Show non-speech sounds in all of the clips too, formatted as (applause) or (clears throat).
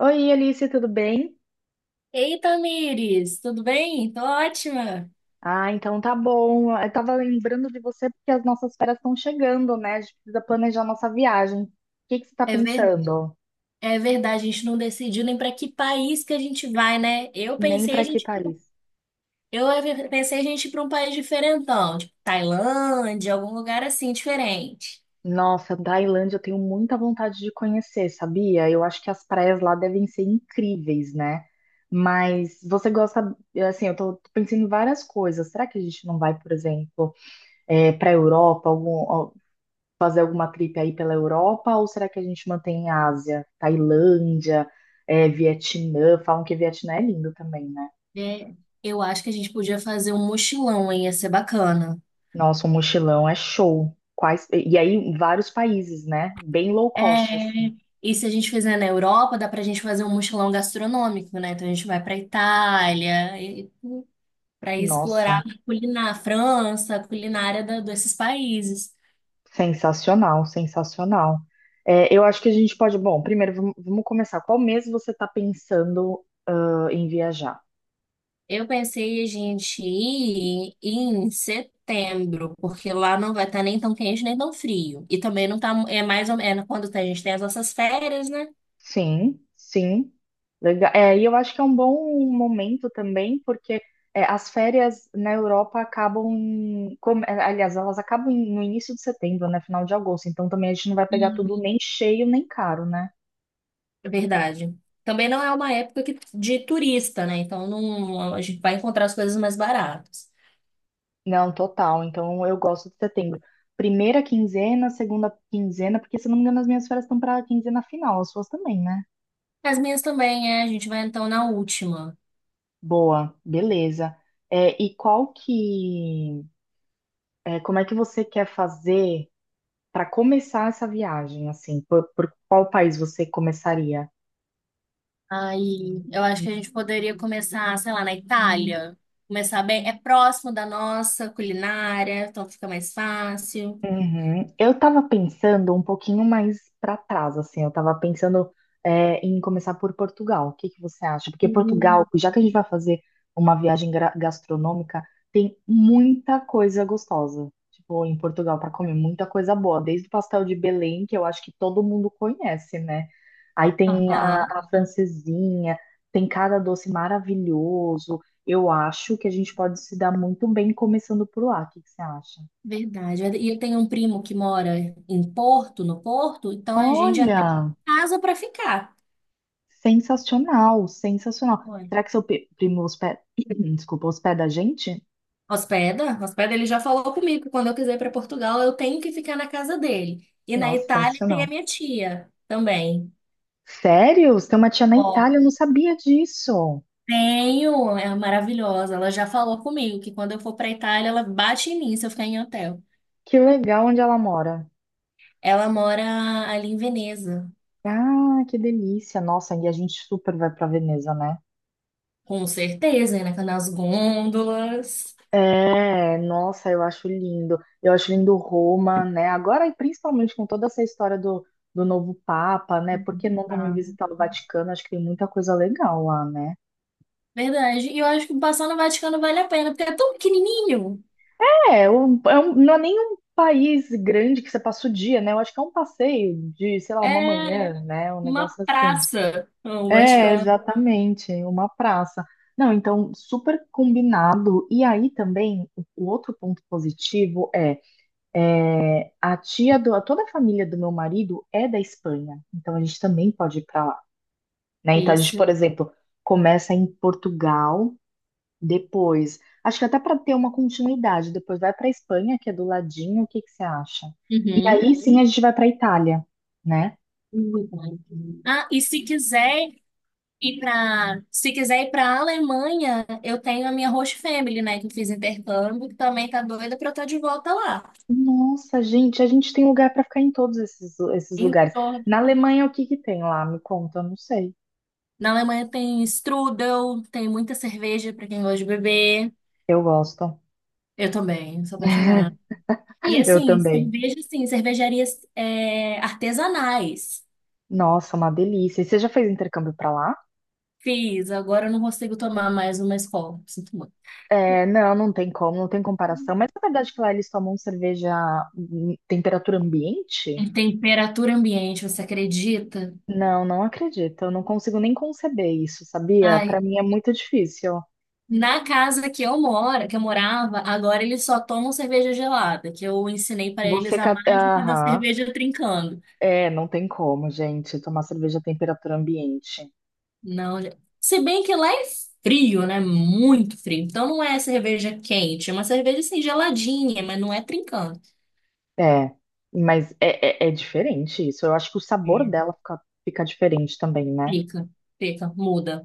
Oi, Alice, tudo bem? Eita, Tamires, tudo bem? Tô ótima. Ah, então tá bom. Eu tava lembrando de você porque as nossas férias estão chegando, né? A gente precisa planejar nossa viagem. O que que você tá É ver... pensando? É verdade, a gente não decidiu nem para que país que a gente vai, né? Nem pra que Paris? Eu pensei a gente ir para um país diferentão, tipo Tailândia, algum lugar assim diferente. Nossa, Tailândia eu tenho muita vontade de conhecer, sabia? Eu acho que as praias lá devem ser incríveis, né? Mas você gosta, assim, eu tô pensando em várias coisas. Será que a gente não vai, por exemplo, para a Europa, fazer alguma trip aí pela Europa? Ou será que a gente mantém a Ásia, Tailândia, Vietnã? Falam que Vietnã é lindo também, né? É, eu acho que a gente podia fazer um mochilão, hein? Ia ser bacana. Nossa, um mochilão é show. Quais... E aí, vários países, né? Bem low cost, assim. É, e se a gente fizer na Europa, dá pra gente fazer um mochilão gastronômico, né? Então a gente vai pra Itália, e para explorar Nossa, a culinária, França, a culinária desses países. sensacional, sensacional. É, eu acho que a gente pode. Bom, primeiro, vamos começar. Qual mês você está pensando, ah, em viajar? Eu pensei a gente ir em setembro, porque lá não vai estar nem tão quente nem tão frio. E também não tá, é mais ou menos quando a gente tem as nossas férias, né? Sim, sim. Legal. É, e eu acho que é um bom momento também, porque as férias na Europa acabam, elas acabam no início de setembro, né, final de agosto. Então também a gente não vai pegar E tudo nem cheio nem caro, né? É verdade. Também não é uma época de turista, né? Então não, a gente vai encontrar as coisas mais baratas. Não, total. Então eu gosto de setembro. Primeira quinzena, segunda quinzena, porque se eu não me engano as minhas férias estão para a quinzena final, as suas também, né? As minhas também, é. A gente vai então na última. Boa, beleza. É, e qual que, como é que você quer fazer para começar essa viagem, assim, por qual país você começaria? Aí eu acho que a gente poderia começar, sei lá, na Itália. Começar bem. É próximo da nossa culinária, então fica mais fácil. Uhum. Eu tava pensando um pouquinho mais para trás, assim, eu tava pensando em começar por Portugal. O que que você acha? Porque Portugal, já que a gente vai fazer uma viagem gastronômica, tem muita coisa gostosa. Tipo, em Portugal para comer muita coisa boa, desde o pastel de Belém, que eu acho que todo mundo conhece, né? Aí tem Aham. a francesinha, tem cada doce maravilhoso. Eu acho que a gente pode se dar muito bem começando por lá. O que que você acha? Verdade. E eu tenho um primo que mora em Porto, no Porto, então a gente já tem Olha! casa para ficar. Sensacional, sensacional. Olha. Será que seu primo hospeda, (clears throat) desculpa, hospeda a gente? Hospeda, hospeda, ele já falou comigo que quando eu quiser ir para Portugal, eu tenho que ficar na casa dele. E na Nossa, Itália tem a sensacional. minha tia também. Sério? Você tem uma tia na Ó, Itália? Eu não sabia disso. tenho, é maravilhosa. Ela já falou comigo que quando eu for para Itália, ela bate em mim se eu ficar em hotel. Que legal onde ela mora. Ela mora ali em Veneza, Ah, que delícia. Nossa, e a gente super vai pra Veneza, né? com certeza, né? Nas gôndolas. É, nossa, eu acho lindo. Eu acho lindo Roma, né? Agora, e principalmente com toda essa história do, do novo Papa, né? Por que não também visitar o Vaticano? Acho que tem muita coisa legal lá, né? Verdade. E eu acho que passar no Vaticano vale a pena, porque é tão pequenininho. É, não é nem um país grande que você passa o dia, né? Eu acho que é um passeio de, sei lá, É uma manhã, né? Um uma negócio assim. praça, o É, Vaticano. exatamente, uma praça. Não, então, super combinado. E aí também, o outro ponto positivo é a tia do, toda a família do meu marido é da Espanha, então a gente também pode ir para lá, né? Então a gente, Esse. por exemplo, começa em Portugal. Depois, acho que até para ter uma continuidade, depois vai para Espanha, que é do ladinho, o que que você acha? E Uhum. aí sim a gente vai para Itália, né? Ah, se quiser ir para Alemanha, eu tenho a minha host family, né, que eu fiz intercâmbio, que também tá doida para eu estar de volta lá. Nossa, gente, a gente tem lugar para ficar em todos esses, esses lugares. Então, Na Alemanha, o que que tem lá? Me conta, eu não sei. na Alemanha tem strudel, tem muita cerveja para quem gosta de beber. Eu gosto. Eu também, sou apaixonada. E (laughs) Eu assim, também. cerveja, sim, cervejarias artesanais. Nossa, uma delícia. E você já fez intercâmbio para lá? Fiz, agora eu não consigo tomar mais uma escola. Sinto muito. É, não, não tem como, não tem comparação. Mas é verdade que lá eles tomam cerveja em temperatura ambiente? É. Temperatura ambiente, você acredita? Não, não acredito. Eu não consigo nem conceber isso, sabia? Para Ai, mim é muito difícil. na casa que eu moro, que eu morava, agora eles só tomam cerveja gelada, que eu ensinei para eles a mágica da Aham. cerveja trincando. É, não tem como, gente, tomar cerveja à temperatura ambiente. Não, se bem que lá é frio, né? Muito frio. Então não é cerveja quente, é uma cerveja assim geladinha, mas não é trincando. É, é diferente isso. Eu acho que o sabor É. dela fica diferente também, né? Fica, fica, muda.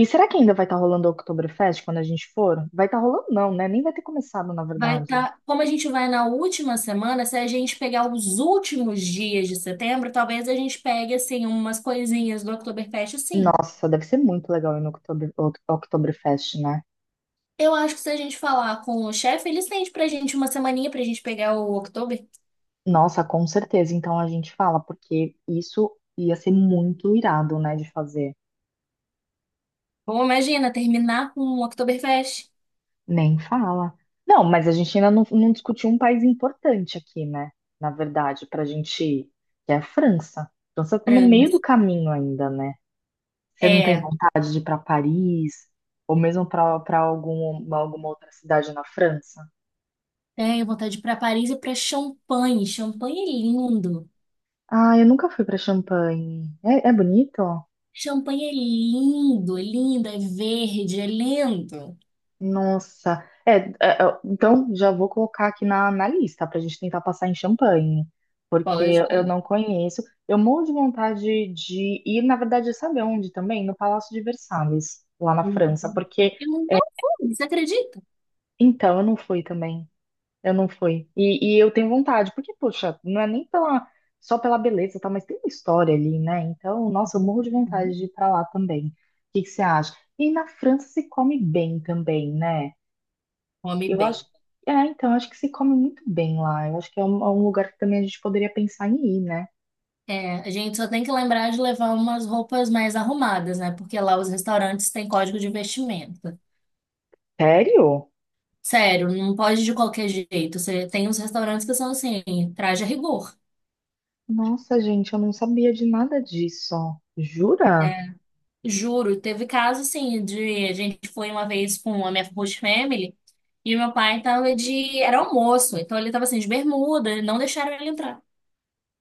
E será que ainda vai estar rolando o Oktoberfest quando a gente for? Vai estar rolando, não, né? Nem vai ter começado, na Vai verdade. estar, como a gente vai na última semana, se a gente pegar os últimos dias de setembro, talvez a gente pegue assim umas coisinhas do Oktoberfest, sim. Nossa, deve ser muito legal ir no Oktoberfest, né? Eu acho que se a gente falar com o chefe, ele estende pra gente uma semaninha pra gente pegar o Oktober. Nossa, com certeza. Então a gente fala, porque isso ia ser muito irado, né, de fazer. Ou imagina, terminar com o Oktoberfest. Nem fala. Não, mas a gente ainda não discutiu um país importante aqui, né? Na verdade, pra gente ir, que é a França. A França tá no meio do Franz. caminho ainda, né? Você não tem É, vontade de ir pra Paris, ou mesmo pra para alguma outra cidade na França? tenho vontade de ir pra Paris e pra Champanhe. Champanhe é lindo. Ah, eu nunca fui pra Champagne. É, é bonito? Champanhe é lindo, é lindo, é verde, é lindo. Nossa, então já vou colocar aqui na, na lista para a gente tentar passar em Champanhe, porque Pode. eu não conheço. Eu morro de vontade de ir, na verdade, sabe onde também? No Palácio de Versalhes, lá na França, porque Eu não fui, você acredita? então eu não fui também, eu não fui. E eu tenho vontade, porque, poxa, não é nem pela, só pela beleza, tá, mas tem uma história ali, né? Então, nossa, eu morro de Uhum. vontade de ir para lá também. O que que você acha? E na França se come bem também, né? Come Eu acho, bem. é, então, acho que se come muito bem lá. Eu acho que é um lugar que também a gente poderia pensar em ir, né? É, a gente só tem que lembrar de levar umas roupas mais arrumadas, né? Porque lá os restaurantes têm código de vestimenta. Sério? Sério, não pode de qualquer jeito. Você tem uns restaurantes que são assim, traje a rigor. Nossa, gente, eu não sabia de nada disso. Jura? É, juro, teve caso assim de a gente foi uma vez com a minha host family e meu pai tava de era almoço, então ele tava assim de bermuda, não deixaram ele entrar.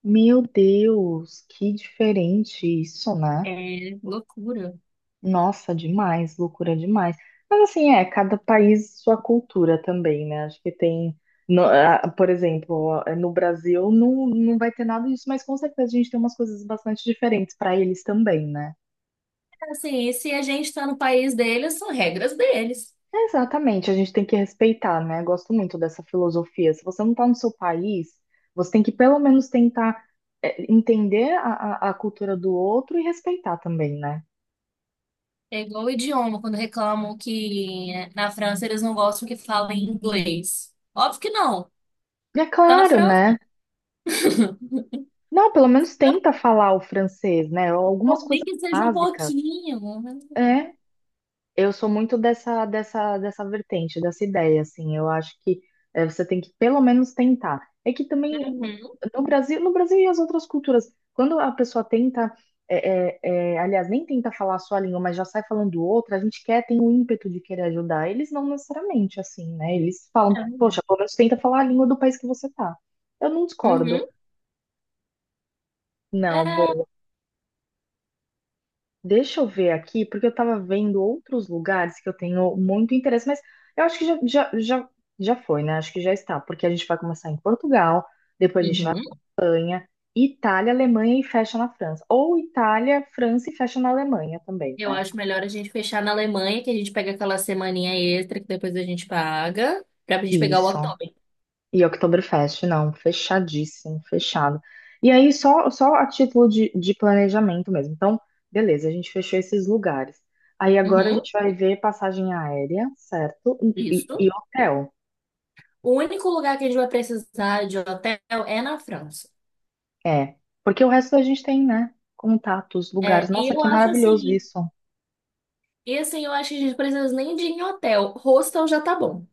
Meu Deus, que diferente isso, né? É loucura. Nossa, demais, loucura demais. Mas assim, é, cada país sua cultura também, né? Acho que tem, por exemplo, é, no Brasil não, não vai ter nada disso, mas com certeza a gente tem umas coisas bastante diferentes para eles também, né? Assim, e se a gente tá no país deles, são regras deles. Exatamente, a gente tem que respeitar, né? Gosto muito dessa filosofia. Se você não está no seu país, você tem que pelo menos tentar é, entender a cultura do outro e respeitar também, né? É igual o idioma, quando reclamam que na França eles não gostam que falem inglês. Óbvio que não. E é Tá na claro, França, né? Não, pelo menos tenta falar o francês, né? Algumas ou nem coisas que seja um básicas. pouquinho. Uhum. É. Eu sou muito dessa vertente, dessa ideia, assim. Eu acho que você tem que pelo menos tentar. É que também no Brasil e as outras culturas, quando a pessoa tenta, eh, eh, aliás, nem tenta falar a sua língua, mas já sai falando outra, a gente quer, tem o ímpeto de querer ajudar. Eles não necessariamente assim, né? Eles falam, poxa, pelo menos tenta falar a língua do país que você tá. Eu não discordo. Uhum. Não, É, deixa eu ver aqui, porque eu estava vendo outros lugares que eu tenho muito interesse, mas eu acho que já foi, né? Acho que já está, porque a gente vai começar em Portugal, depois a gente vai uhum, em Itália, Alemanha e fecha na França. Ou Itália, França e fecha na Alemanha também, eu né? acho melhor a gente fechar na Alemanha, que a gente pega aquela semaninha extra que depois a gente paga, pra gente pegar o Isso. outdoor. E Oktoberfest, não, fechadíssimo, fechado. E aí, só a título de planejamento mesmo. Então, beleza, a gente fechou esses lugares. Aí agora a Uhum, gente vai ver passagem aérea, certo? E isso. e hotel. O único lugar que a gente vai precisar de hotel é na França. É, porque o resto da gente tem, né? Contatos, lugares. É, Nossa, que maravilhoso isso. e assim, eu acho que a gente precisa nem de ir em hotel. Hostel já tá bom.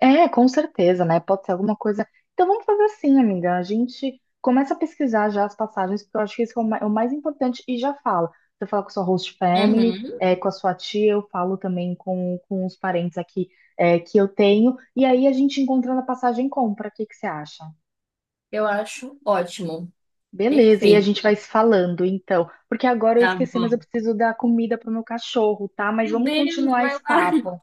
É, com certeza, né? Pode ser alguma coisa. Então vamos fazer assim, amiga. A gente começa a pesquisar já as passagens, porque eu acho que isso é o é o mais importante e já fala. Você fala com a sua host family, Uhum, é, com a sua tia, eu falo também com os parentes aqui é, que eu tenho. E aí a gente encontrando a passagem compra. O que que você acha? eu acho ótimo. Beleza, e a Perfeito. gente vai se falando então. Porque agora eu Tá esqueci, mas eu bom. preciso dar comida pro meu cachorro, tá? Mas Meu vamos Deus, continuar vai esse lá. (laughs) papo.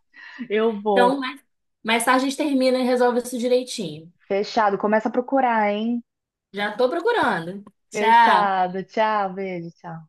Eu vou. Então, mais tarde a gente termina e resolve isso direitinho. Fechado, começa a procurar, hein? Já tô procurando. Tchau. Fechado. Tchau, beijo, tchau.